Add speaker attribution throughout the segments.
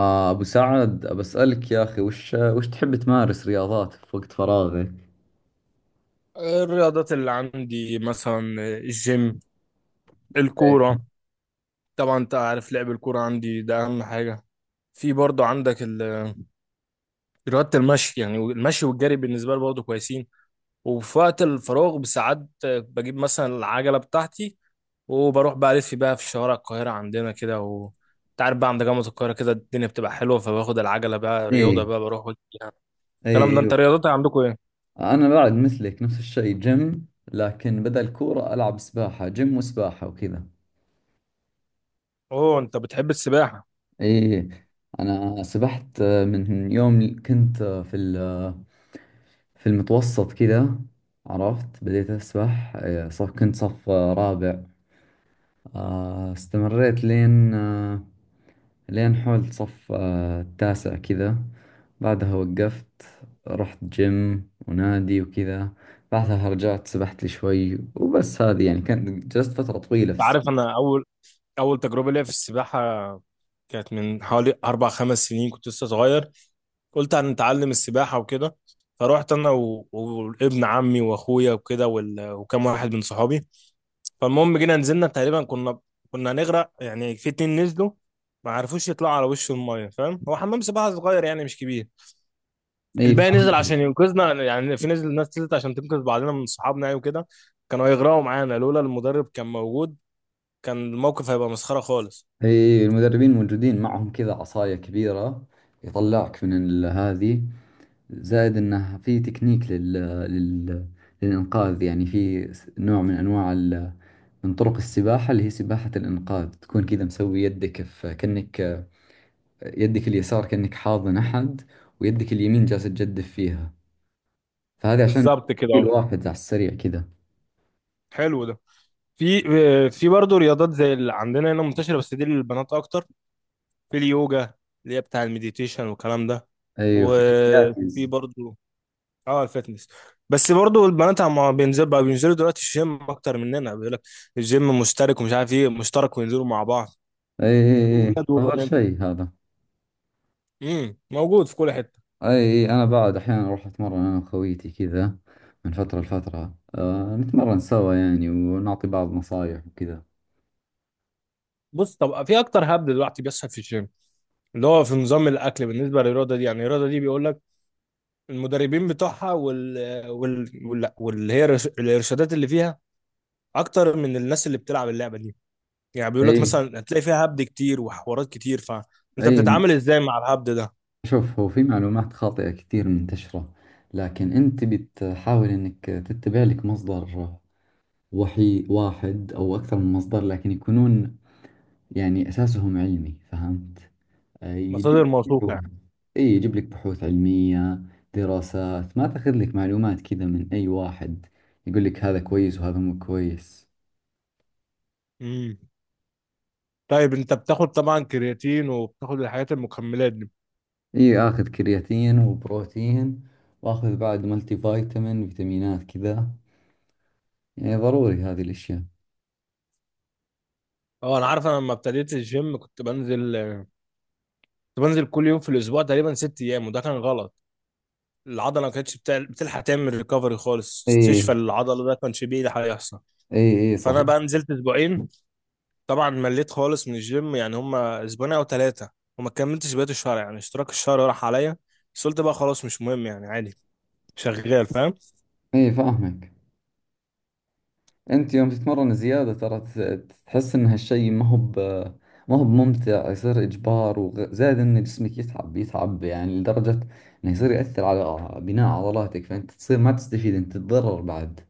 Speaker 1: أبو سعد بسألك يا أخي، وش تحب تمارس رياضات في وقت فراغك؟
Speaker 2: الرياضات اللي عندي مثلا الجيم،
Speaker 1: إيه.
Speaker 2: الكورة. طبعا انت عارف لعب الكورة عندي ده اهم حاجة. في برضه عندك رياضة المشي، يعني المشي والجري بالنسبة لي برضه كويسين. وفي وقت الفراغ بساعات بجيب مثلا العجلة بتاعتي وبروح بقى ألف بقى في شوارع القاهرة عندنا كده، و أنت عارف بقى عند جامعة القاهرة كده الدنيا بتبقى حلوة، فباخد العجلة بقى رياضة
Speaker 1: إيه،
Speaker 2: بقى بروح وأجي يعني.
Speaker 1: إيه،
Speaker 2: الكلام ده، أنت
Speaker 1: أيوه.
Speaker 2: رياضتك عندكم إيه؟
Speaker 1: أنا بعد مثلك، نفس الشيء جيم، لكن بدل كورة ألعب سباحة. جيم وسباحة وكذا.
Speaker 2: أوه، أنت بتحب السباحة. أنت
Speaker 1: إيه، إيه. أنا سبحت من يوم كنت، في في المتوسط كذا. عرفت، بديت أسبح كنت صف رابع. استمريت لين، لين حول صف التاسع كذا. بعدها وقفت، رحت جيم ونادي وكذا. بعدها رجعت سبحت لي شوي وبس. هذه يعني كانت، جلست فترة طويلة في السباحة.
Speaker 2: عارف أنا أول أول تجربة ليا في السباحة كانت من حوالي أربع خمس سنين، كنت لسه صغير. قلت هنتعلم السباحة وكده، فروحت أنا وابن عمي وأخويا وكده وكم واحد من صحابي. فالمهم جينا نزلنا، تقريبا كنا هنغرق يعني. في اتنين نزلوا ما عرفوش يطلعوا على وش المايه، فاهم؟ هو حمام سباحه صغير يعني مش كبير.
Speaker 1: اي،
Speaker 2: الباقي نزل
Speaker 1: فهمت.
Speaker 2: عشان ينقذنا، يعني في نزل ناس نزلت عشان تنقذ بعضنا من صحابنا يعني وكده. كانوا هيغرقوا معانا لولا المدرب كان موجود، كان الموقف هيبقى مسخره خالص.
Speaker 1: اي، المدربين موجودين معهم كذا عصاية كبيرة يطلعك من هذه. زائد انه في تكنيك لل... للإنقاذ. يعني في نوع من أنواع من طرق السباحة، اللي هي سباحة الإنقاذ، تكون كذا مسوي يدك في، كأنك يدك اليسار كأنك حاضن أحد، ويدك اليمين جالسة تجدف فيها، فهذه عشان
Speaker 2: بالظبط كده
Speaker 1: تشيل
Speaker 2: اهو.
Speaker 1: واحد على السريع كذا.
Speaker 2: حلو ده. في في برضه رياضات زي اللي عندنا هنا منتشرة، بس دي للبنات أكتر. في اليوجا، اللي هي بتاع المديتيشن والكلام ده.
Speaker 1: أي، وفي
Speaker 2: وفي
Speaker 1: البلاتيز.
Speaker 2: برضه اه، الفتنس. بس برضه البنات عم بينزل بقى بينزلوا دلوقتي الجيم أكتر مننا، بيقول لك الجيم مشترك ومش عارف إيه مشترك، وينزلوا مع بعض،
Speaker 1: أي، أي، أي،
Speaker 2: ولاد
Speaker 1: أفضل
Speaker 2: وبنات.
Speaker 1: شيء هذا.
Speaker 2: موجود في كل حتة.
Speaker 1: أي، أنا بعد أحيانا أروح أتمرن أنا وخويتي كذا، من فترة لفترة، أه نتمرن سوا يعني ونعطي بعض نصايح وكذا.
Speaker 2: بص، طب في أكتر هبد دلوقتي بيحصل في الجيم، اللي هو في نظام الأكل بالنسبة للرياضة دي. يعني الرياضة دي بيقول لك المدربين بتوعها واللي هي الإرشادات اللي فيها اكتر من الناس اللي بتلعب اللعبه دي. يعني بيقول لك
Speaker 1: أي.
Speaker 2: مثلا هتلاقي فيها هبد كتير وحوارات كتير، فانت
Speaker 1: أي،
Speaker 2: بتتعامل ازاي مع الهبد ده؟
Speaker 1: شوف، هو في معلومات خاطئة كثير منتشرة، لكن أنت بتحاول إنك تتبع لك مصدر وحي، واحد أو أكثر من مصدر، لكن يكونون يعني أساسهم علمي، فهمت. يجيب لك
Speaker 2: مصادر موثوقه
Speaker 1: بحوث.
Speaker 2: يعني.
Speaker 1: أي، يجيب لك بحوث علمية، دراسات. ما تاخذ لك معلومات كذا من أي واحد يقول لك هذا كويس وهذا مو كويس.
Speaker 2: امم طيب انت بتاخد طبعا كرياتين وبتاخد الحاجات المكملات دي.
Speaker 1: أي، آخذ كرياتين وبروتين، وآخذ بعد ملتي فيتامين، فيتامينات كذا. يعني ضروري هذه الأشياء.
Speaker 2: اه، انا عارف انا لما ابتديت الجيم كنت بنزل كل يوم في الاسبوع، تقريبا 6 ايام، وده كان غلط. العضله ما بتلحق تعمل ريكفري خالص،
Speaker 1: اي،
Speaker 2: استشفى العضله ده كانش بيه ده هيحصل.
Speaker 1: اي، اي،
Speaker 2: فانا
Speaker 1: صحيح.
Speaker 2: بقى نزلت اسبوعين، طبعا مليت خالص من الجيم. يعني هما اسبوعين او ثلاثه وما كملتش بقيه الشهر، يعني اشتراك الشهر راح عليا. بس قلت بقى خلاص مش مهم يعني، عادي شغال، فاهم.
Speaker 1: اي، فاهمك. انت يوم تتمرن زيادة، ترى تحس ان هالشيء ما هو بممتع. يصير اجبار، وزائد ان جسمك يتعب، يتعب يعني، لدرجة انه يصير يأثر على بناء عضلاتك، فانت تصير ما تستفيد، انت تتضرر بعد.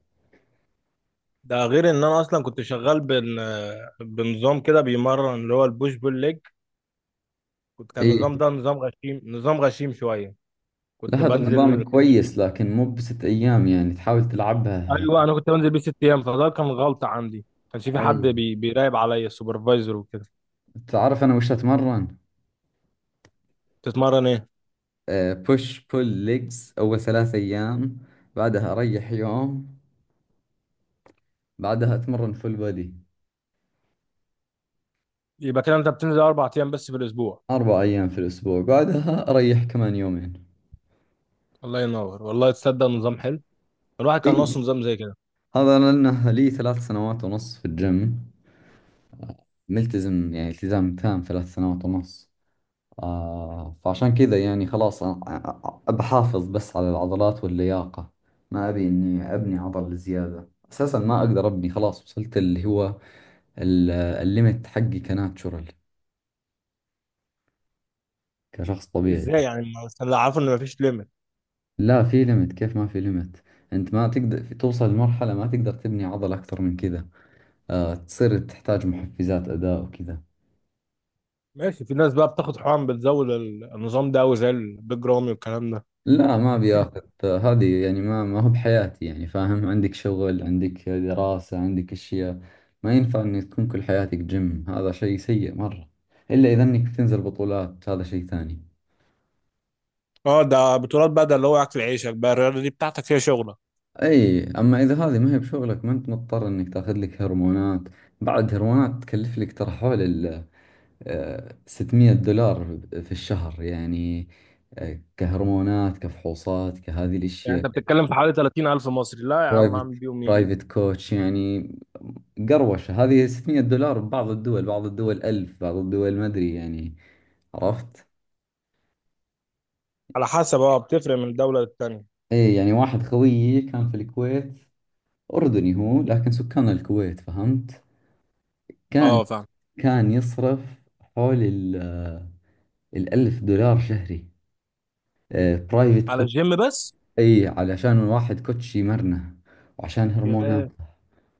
Speaker 2: ده غير ان انا اصلا كنت شغال بنظام كده بيمرن، اللي هو البوش بول ليج. كان
Speaker 1: ايه.
Speaker 2: النظام ده نظام غشيم، نظام غشيم شويه. كنت
Speaker 1: لا، هذا النظام
Speaker 2: بنزل
Speaker 1: كويس، لكن مو بست ايام يعني، تحاول تلعبها.
Speaker 2: ايوه، انا كنت بنزل بيه 6 ايام، فده كان غلطه عندي. كانش في
Speaker 1: اي.
Speaker 2: حد بيراقب عليا، السوبرفايزر وكده.
Speaker 1: تعرف انا وش اتمرن؟
Speaker 2: تتمرن ايه؟
Speaker 1: بوش بول ليجز اول 3 ايام، بعدها اريح يوم، بعدها اتمرن فول بودي.
Speaker 2: يبقى كده انت بتنزل اربع ايام بس في الاسبوع.
Speaker 1: 4 أيام في الأسبوع، بعدها أريح كمان يومين.
Speaker 2: الله ينور، والله تصدق نظام حلو، الواحد كان ناقصه
Speaker 1: اي،
Speaker 2: نظام زي كده.
Speaker 1: هذا لأنه لي 3 سنوات ونص في الجيم، ملتزم يعني التزام تام، 3 سنوات ونص. فعشان كذا يعني، خلاص، بحافظ بس على العضلات واللياقة، ما أبي إني أبني عضل زيادة. أساسا ما أقدر أبني، خلاص وصلت اللي هو الليمت حقي كناتشورال، كشخص طبيعي.
Speaker 2: ازاي يعني، بس اللي عارفه ان مفيش ليميت.
Speaker 1: لا، في ليمت، كيف ما في ليمت؟ أنت ما تقدر، توصل لمرحلة ما تقدر تبني عضل أكثر من كذا، تصير تحتاج محفزات أداء وكذا.
Speaker 2: ماشي، في ناس بقى بتاخد حقن بتزود النظام ده، وزي البيج رامي والكلام ده.
Speaker 1: لا، ما بياخذ هذه يعني، ما هو بحياتي يعني. فاهم، عندك شغل، عندك دراسة، عندك أشياء. ما ينفع إنك تكون كل حياتك جيم، هذا شيء سيء مرة، إلا إذا إنك تنزل بطولات، هذا شيء ثاني.
Speaker 2: اه، ده بطولات بقى، ده اللي هو اكل عيشك بقى، الرياضه دي بتاعتك هي شغلك.
Speaker 1: أي، أما إذا هذه ما هي بشغلك، ما أنت مضطر إنك تاخذ لك هرمونات. بعد هرمونات تكلف لك ترى، حول ال 600 دولار في الشهر يعني، كهرمونات، كفحوصات، كهذه
Speaker 2: يعني
Speaker 1: الأشياء.
Speaker 2: انت بتتكلم في حوالي 30,000 مصري، لا يا عم،
Speaker 1: برايفت
Speaker 2: هعمل بيهم ايه؟
Speaker 1: برايفت كوتش يعني. قروشة هذه. 600 دولار ببعض الدول، بعض الدول 1000، بعض الدول ما أدري يعني، عرفت.
Speaker 2: على حسب، اه، بتفرق من دوله للتانيه.
Speaker 1: إيه، يعني واحد خويي كان في الكويت، أردني هو لكن سكان الكويت، فهمت. كان
Speaker 2: اه، فاهم.
Speaker 1: كان يصرف حول الألف دولار شهري. برايفت
Speaker 2: على
Speaker 1: كوتش.
Speaker 2: الجيم بس؟
Speaker 1: أي، علشان الواحد كوتش يمرنه، وعشان هرمونات،
Speaker 2: ياه.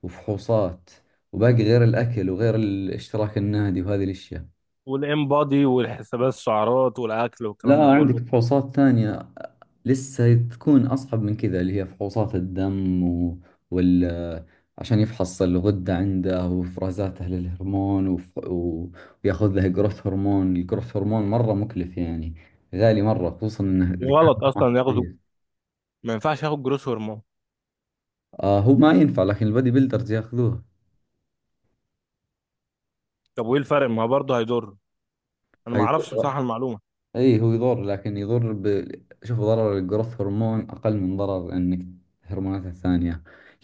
Speaker 1: وفحوصات، وباقي، غير الأكل، وغير اشتراك النادي وهذه الأشياء.
Speaker 2: والام بادي والحسابات، السعرات والاكل والكلام ده
Speaker 1: لا، عندك
Speaker 2: كله.
Speaker 1: فحوصات ثانية لسه، تكون أصعب من كذا، اللي هي فحوصات الدم و... وال عشان يفحص الغدة عنده وإفرازاته للهرمون، وياخذ له جروث هرمون. الجروث هرمون مرة مكلف يعني، غالي مرة، خصوصا إنه إذا كان.
Speaker 2: غلط
Speaker 1: ما
Speaker 2: اصلا ياخدوا،
Speaker 1: كويس.
Speaker 2: ما ينفعش ياخد جروس هرمون.
Speaker 1: هو ما ينفع، لكن البادي بيلدرز ياخذوه.
Speaker 2: طب وايه الفرق؟ ما هو برضه هيضر. انا ما اعرفش
Speaker 1: حيضر.
Speaker 2: بصراحه المعلومه.
Speaker 1: أي، هو يضر، لكن يضر شوف، ضرر الجروث هرمون أقل من ضرر إنك، هرمونات الثانية.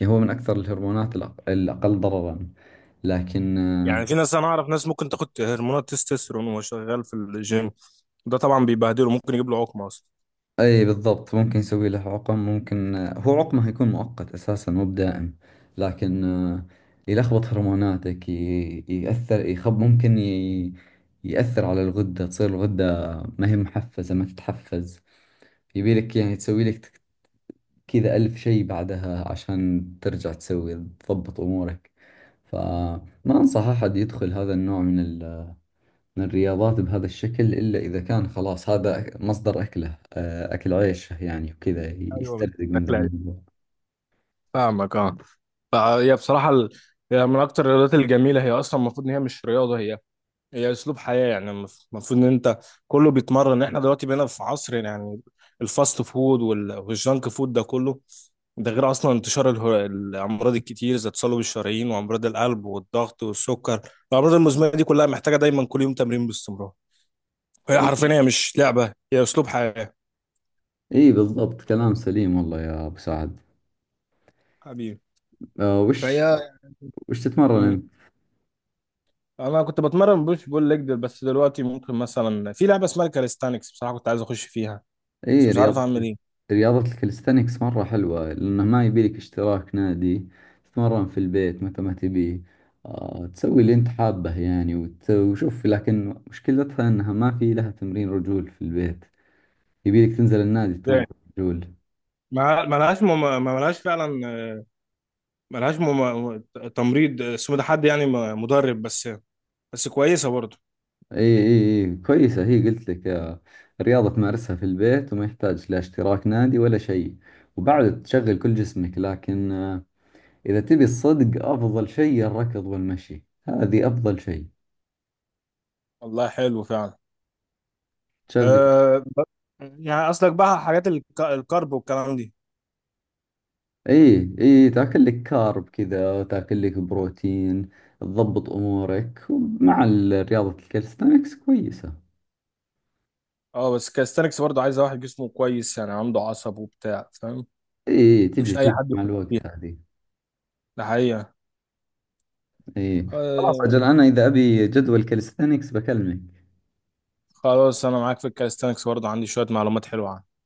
Speaker 1: يعني هو من أكثر الهرمونات الأقل ضررا، لكن
Speaker 2: يعني في ناس، انا اعرف ناس ممكن تاخد هرمونات تستوستيرون وهو شغال في الجيم، ده طبعا بيبهدله، ممكن يجيب له عقم اصلا.
Speaker 1: اي بالضبط، ممكن يسوي له عقم، ممكن هو عقمه يكون مؤقت اساسا، مو بدائم، لكن يلخبط هرموناتك، يأثر، يخب، ممكن يأثر على الغدة، تصير الغدة ما هي محفزة، ما تتحفز، يبي لك يعني تسوي لك كذا ألف شيء بعدها عشان ترجع تسوي، تضبط أمورك. فما أنصح أحد يدخل هذا النوع من الرياضات بهذا الشكل، إلا إذا كان خلاص هذا مصدر أكله، أكل عيشه يعني وكذا،
Speaker 2: ايوه.
Speaker 1: يسترزق من ذا
Speaker 2: هتلاقي.
Speaker 1: الموضوع.
Speaker 2: فاهمك، اه. فهي بصراحة هي من أكتر الرياضات الجميلة. هي أصلا المفروض إن هي مش رياضة، هي أسلوب حياة. يعني المفروض إن أنت كله بيتمرن. إحنا دلوقتي بقينا في عصر يعني الفاست فود والجانك فود ده كله. ده غير أصلا انتشار الأمراض الكتير، زي تصلب الشرايين وأمراض القلب والضغط والسكر. الأمراض المزمنة دي كلها محتاجة دايما كل يوم تمرين باستمرار. هي حرفيا هي مش لعبة، هي أسلوب حياة.
Speaker 1: إي بالضبط، كلام سليم والله يا أبو سعد.
Speaker 2: حبيبي.
Speaker 1: آه، وش
Speaker 2: فهي
Speaker 1: وش تتمرن
Speaker 2: مم.
Speaker 1: أنت؟
Speaker 2: أنا كنت بتمرن بوش بول ليج، بس دلوقتي ممكن مثلا في لعبة اسمها الكاليستانكس، بصراحة كنت عايز أخش فيها، بس
Speaker 1: إي،
Speaker 2: مش عارف
Speaker 1: رياضة.
Speaker 2: أعمل إيه.
Speaker 1: رياضة الكاليستانكس مرة حلوة، لأنه ما يبيلك اشتراك نادي، تتمرن في البيت متى ما تبي، تسوي اللي أنت حابه يعني وشوف. لكن مشكلتها أنها ما في لها تمرين رجول في البيت، يبيلك تنزل النادي تتمرن
Speaker 2: يعني
Speaker 1: رجول.
Speaker 2: ما ما لهاش فعلا. ما تمريض اسمه، ده حد يعني مدرب بس. بس كويسه برضه.
Speaker 1: اي، اي، اي، كويسة هي، قلت لك رياضة تمارسها في البيت، وما يحتاج لا اشتراك نادي ولا شيء، وبعد تشغل كل جسمك، لكن إذا تبي الصدق، أفضل شيء الركض والمشي، هذه أفضل شيء
Speaker 2: والله حلو فعلا.
Speaker 1: تشغل.
Speaker 2: أه... ب- يعني قصدك بقى حاجات الكارب والكلام دي.
Speaker 1: اي، اي، تاكل لك كارب كذا، تاكل لك بروتين، تضبط أمورك، ومع رياضة الكالستانكس كويسة.
Speaker 2: أه، بس الكاليستانكس برضه عايزة واحد جسمه كويس، يعني عنده عصب وبتاع، فاهم.
Speaker 1: اي، إي، تجي
Speaker 2: مش أي
Speaker 1: تجي
Speaker 2: حد،
Speaker 1: مع الوقت هذه.
Speaker 2: ده حقيقة.
Speaker 1: اي، خلاص
Speaker 2: آه.
Speaker 1: أجل، أنا إذا أبي جدول كالستانكس بكلمك.
Speaker 2: خلاص، أنا معاك في الكاليستانكس، برضه عندي شوية معلومات حلوة عنه.